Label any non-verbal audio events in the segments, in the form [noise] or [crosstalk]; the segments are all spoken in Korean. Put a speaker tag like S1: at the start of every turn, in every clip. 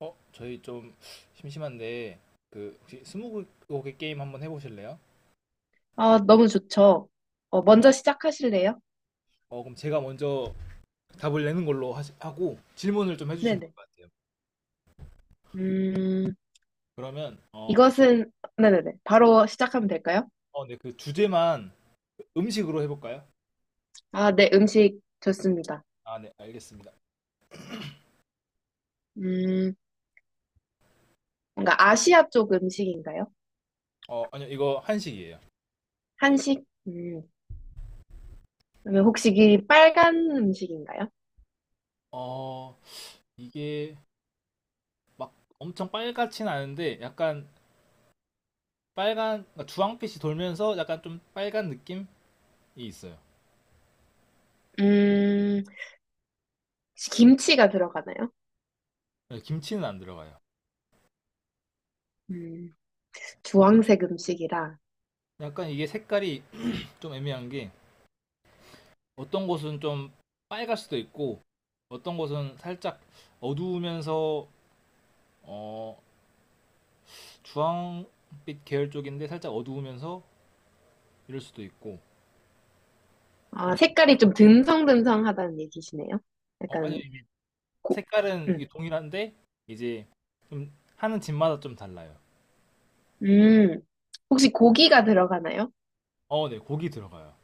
S1: 저희 좀 심심한데 그 혹시 스무고개 게임 한번 해보실래요?
S2: 아, 너무 좋죠. 먼저 시작하실래요?
S1: 그럼 제가 먼저 답을 내는 걸로 하고 질문을 좀 해주시면
S2: 네네.
S1: 될 것 같아요.
S2: 음,
S1: 그러면
S2: 이것은, 네네네. 바로 시작하면 될까요?
S1: 네, 그 주제만 음식으로 해볼까요?
S2: 아, 네, 음식 좋습니다.
S1: 아, 네, 알겠습니다.
S2: 음, 뭔가 아시아 쪽 음식인가요?
S1: 아니요, 이거 한식이에요.
S2: 한식? 그러면 혹시 이 빨간 음식인가요?
S1: 어, 이게 막 엄청 빨갛진 않은데 약간 빨간, 그러니까 주황빛이 돌면서 약간 좀 빨간 느낌이 있어요.
S2: 음, 혹시 김치가 들어가나요?
S1: 네, 김치는 안 들어가요.
S2: 음, 주황색 음식이라,
S1: 약간 이게 색깔이 좀 애매한 게 어떤 곳은 좀 빨갈 수도 있고 어떤 곳은 살짝 어두우면서 어, 주황빛 계열 쪽인데 살짝 어두우면서 이럴 수도 있고
S2: 아,
S1: 이게
S2: 색깔이
S1: 집마다-
S2: 좀 듬성듬성하다는 얘기시네요.
S1: 아니
S2: 약간,
S1: 이게
S2: 고,
S1: 색깔은 이게
S2: 음,
S1: 동일한데 이제 좀 하는 집마다 좀 달라요.
S2: 음, 혹시 고기가 들어가나요?
S1: 어, 네 고기 들어가요.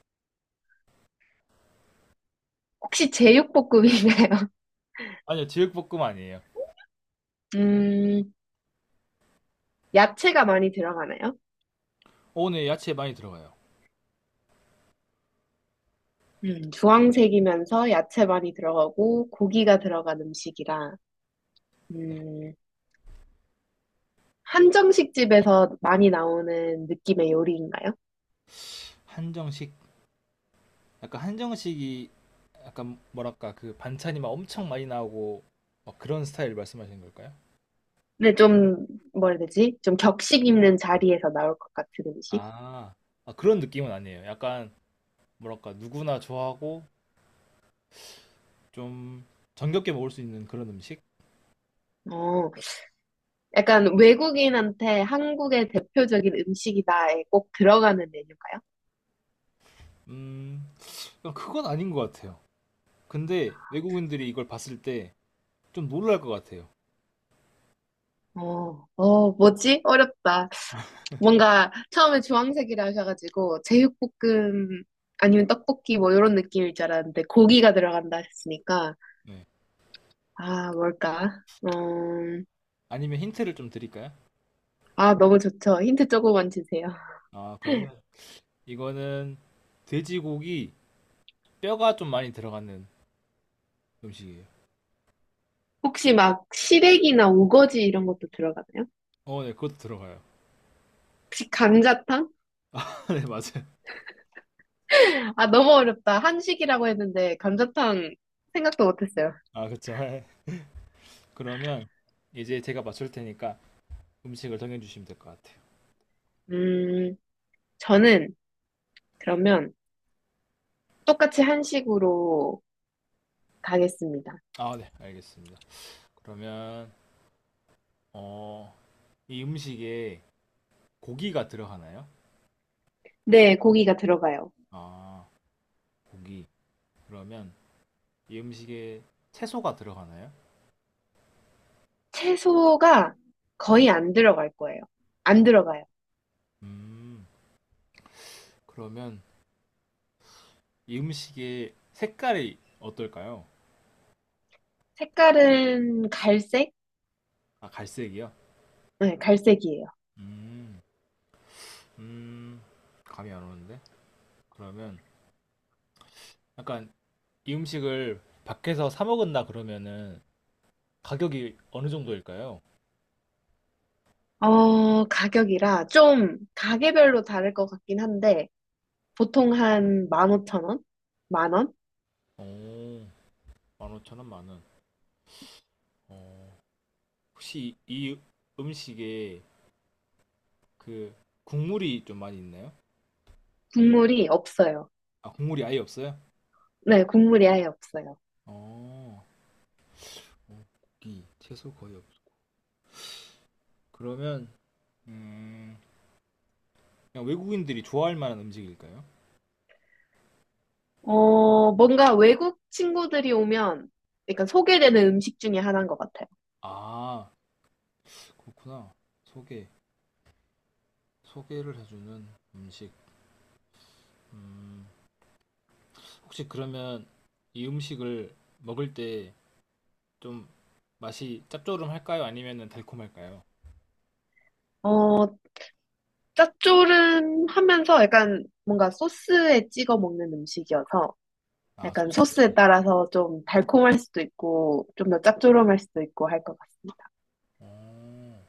S2: 혹시 제육볶음인가요? [laughs]
S1: 아니요 제육볶음 아니에요.
S2: 음, 야채가 많이 들어가나요?
S1: 어, 네 야채 많이 들어가요.
S2: 주황색이면서 야채 많이 들어가고 고기가 들어간 음식이라
S1: 네.
S2: 음. 한정식 집에서 많이 나오는 느낌의 요리인가요?
S1: 한정식 약간 한정식이 약간 뭐랄까 그 반찬이 막 엄청 많이 나오고 막 그런 스타일 말씀하시는 걸까요?
S2: 근데 좀, 뭐라 해야 되지? 좀 격식 있는 자리에서 나올 것 같은 음식?
S1: 아, 아, 그런 느낌은 아니에요. 약간, 뭐랄까, 누구나 좋아하고, 좀, 정겹게 먹을 수 있는 그런 음식?
S2: 어, 약간 외국인한테 한국의 대표적인 음식이다에 꼭 들어가는 메뉴인가요?
S1: 음, 그냥 그건 아닌 것 같아요. 근데, 외국인들이 이걸 봤을 때, 좀 놀랄 것 같아요.
S2: 뭐지? 어렵다. 뭔가 처음에 주황색이라 하셔가지고 제육볶음 아니면 떡볶이 뭐 이런 느낌일 줄 알았는데 고기가 들어간다 하셨으니까
S1: 네.
S2: 아 뭘까?
S1: 아니면 힌트를 좀 드릴까요?
S2: 아 너무 좋죠. 힌트 조금만 주세요.
S1: 아,
S2: [laughs]
S1: 그러면, 이거는, 돼지고기, 뼈가 좀 많이 들어가는 음식이에요.
S2: 혹시 막 시래기나 우거지 이런 것도 들어가나요?
S1: 어, 네, 그것도 들어가요.
S2: 혹시 감자탕?
S1: [laughs] 아, 네, 맞아요.
S2: 아 너무 어렵다. 한식이라고 했는데 감자탕 생각도 못했어요.
S1: 아, 그쵸. 네. 그러면, 이제 제가 맞출 테니까, 음식을 정해주시면 될 것 같아요.
S2: 음 저는 그러면 똑같이 한식으로 가겠습니다.
S1: 아, 네, 알겠습니다. 그러면, 어, 이 음식에 고기가 들어가나요?
S2: 네, 고기가 들어가요.
S1: 아, 고기. 그러면 이 음식에 채소가 들어가나요?
S2: 채소가 거의 안 들어갈 거예요. 안 들어가요.
S1: 음, 그러면 이 음식의 색깔이 어떨까요?
S2: 색깔은 갈색?
S1: 아, 갈색이요?
S2: 네, 갈색이에요.
S1: 음, 음, 감이 안 오는데? 그러면 약간 이 음식을 밖에서 사 먹은다 그러면은 가격이 어느 정도일까요?
S2: 가격이라 좀 가게별로 다를 것 같긴 한데, 보통 한 15,000원? 만 원?
S1: 오, 15,000원, 만 원. 어, 혹시 이 음식에 그 국물이 좀 많이 있나요?
S2: 국물이 없어요.
S1: 아, 국물이 아예 없어요?
S2: 네, 국물이 아예 없어요.
S1: 어, 고기, 채소 거의 없어. 그러면, 음, 그냥 외국인들이 좋아할 만한 음식일까요?
S2: 어, 뭔가 외국 친구들이 오면 약간 소개되는 음식 중에 하나인 것 같아요.
S1: 아, 그렇구나. 소개, 소개를 해주는 음식. 음, 혹시 그러면 이 음식을 먹을 때 좀 맛이 짭조름할까요? 아니면 달콤할까요?
S2: 어, 짭조름하면서 약간 뭔가 소스에 찍어 먹는 음식이어서
S1: 아,
S2: 약간
S1: 소스에?
S2: 소스에 따라서 좀 달콤할 수도 있고, 좀 더 짭조름할 수도 있고 할 것 같습니다.
S1: 어,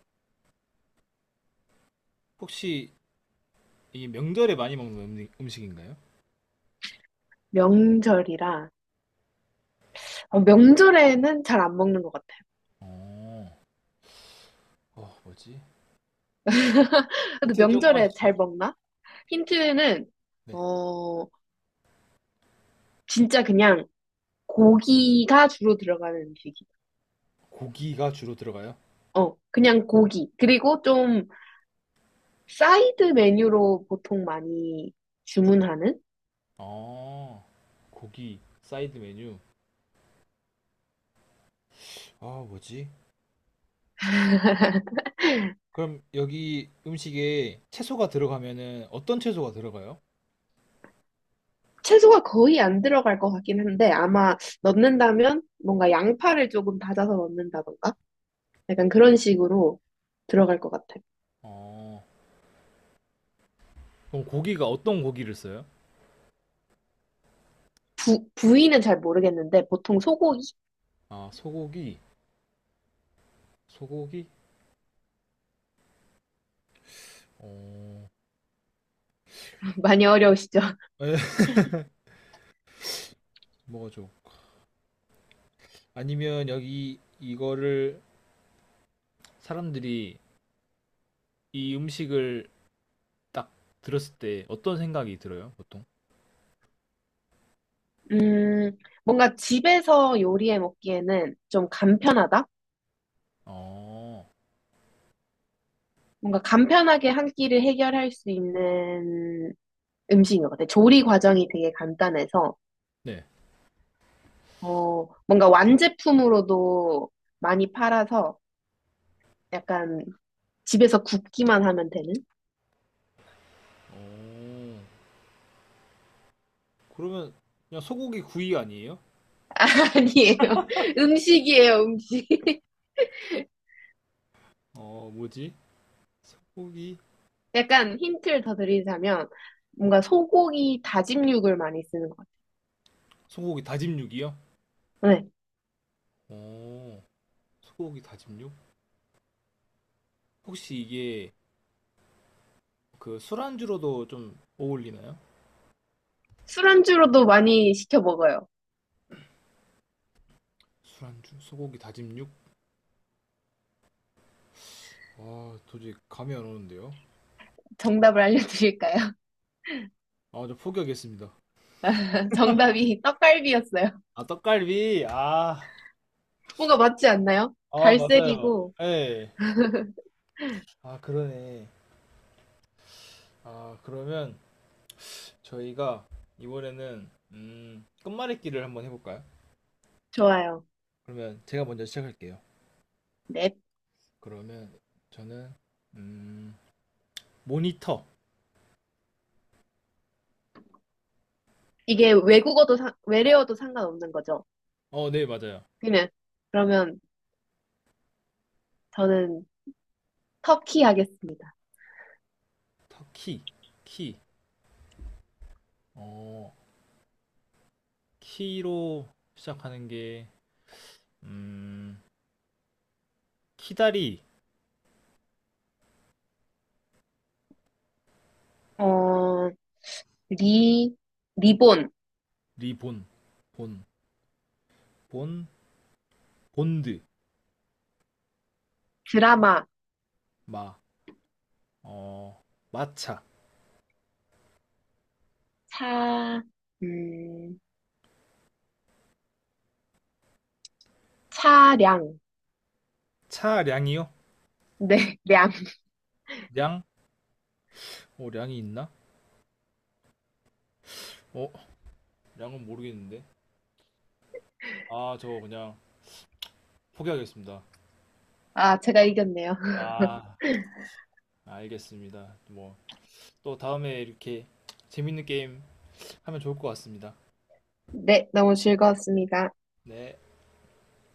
S1: 혹시 이 명절에 많이 먹는 음식인가요?
S2: 명절이라, 명절에는 잘 안 먹는 것 같아요.
S1: 어, 뭐지?
S2: 근데
S1: 힌트 조금만
S2: 명절에 잘
S1: 주세요.
S2: 먹나? 힌트는,
S1: 네.
S2: 어, 진짜 그냥 고기가 주로 들어가는 음식이에요.
S1: 고기가 주로 들어가요?
S2: 어, 그냥 고기. 그리고 좀 사이드 메뉴로 보통 많이 주문하는?
S1: 아, 고기, 사이드 메뉴. 아, 뭐지? 그럼 여기 음식에 채소가 들어가면은 어떤 채소가 들어가요?
S2: 채소가 거의 안 들어갈 것 같긴 한데, 아마 넣는다면 뭔가 양파를 조금 다져서 넣는다던가? 약간 그런 식으로 들어갈 것 같아요.
S1: 어, 그럼 고기가 어떤 고기를 써요?
S2: 부, 부위는 잘 모르겠는데 보통 소고기?
S1: 아, 소고기? 어,
S2: [laughs] 많이 어려우시죠?
S1: 에, [laughs] 뭐가 좋 아니면 여기 이거를 사람들이 이 음식을 딱 들었을 때 어떤 생각이 들어요, 보통?
S2: 음, 뭔가 집에서 요리해 먹기에는 좀 간편하다?
S1: 어,
S2: 뭔가 간편하게 한 끼를 해결할 수 있는 음식인 것 같아요. 조리 과정이 되게 간단해서,
S1: 네.
S2: 뭔가 완제품으로도 많이 팔아서 약간 집에서 굽기만 하면 되는?
S1: 어, 그러면 그냥 소고기 구이 아니에요?
S2: [laughs] 아니에요. 음식이에요, 음식.
S1: 어, 뭐지? 소고기
S2: 약간 힌트를 더 드리자면 뭔가 소고기 다짐육을 많이 쓰는 것
S1: 소고기 다짐육이요?
S2: 같아요. 네.
S1: 오, 소고기 다짐육? 혹시 이게 그 술안주로도 좀 어울리나요?
S2: 술안주로도 많이 시켜 먹어요.
S1: 술안주, 소고기 다짐육? 아 도저히 감이 안 오는데요?
S2: 정답을 알려드릴까요?
S1: 아, 저 포기하겠습니다.
S2: [laughs] 정답이 떡갈비였어요.
S1: 아, 떡갈비?
S2: 뭔가 맞지 않나요?
S1: 아, 맞아요.
S2: 갈색이고
S1: 예. 아, 그러네. 아, 그러면 저희가 이번에는, 끝말잇기를 한번 해볼까요?
S2: 좋아요.
S1: 그러면 제가 먼저 시작할게요.
S2: 네.
S1: 그러면 저는, 음, 모니터.
S2: 이게 외국어도 상, 외래어도 상관없는 거죠.
S1: 어, 네, 맞아요.
S2: 그냥 그러면 저는 터키 하겠습니다.
S1: 터키, 키. 어, 키로 시작하는 게, 음, 키다리,
S2: 어, 리, 리본,
S1: 리본, 본, 본, 본드,
S2: 드라마,
S1: 마, 어, 마차.
S2: 차, 음, 차량.
S1: 차량이요?
S2: 네, [laughs] 량.
S1: 량? 어, 량이 있나? 어, 량은 모르겠는데. 아, 저 그냥 포기하겠습니다.
S2: 아, 제가 이겼네요. [laughs]
S1: 아, 알겠습니다. 뭐, 또 다음에 이렇게 재밌는 게임 하면 좋을 것 같습니다.
S2: 네, 너무 즐거웠습니다.
S1: 네.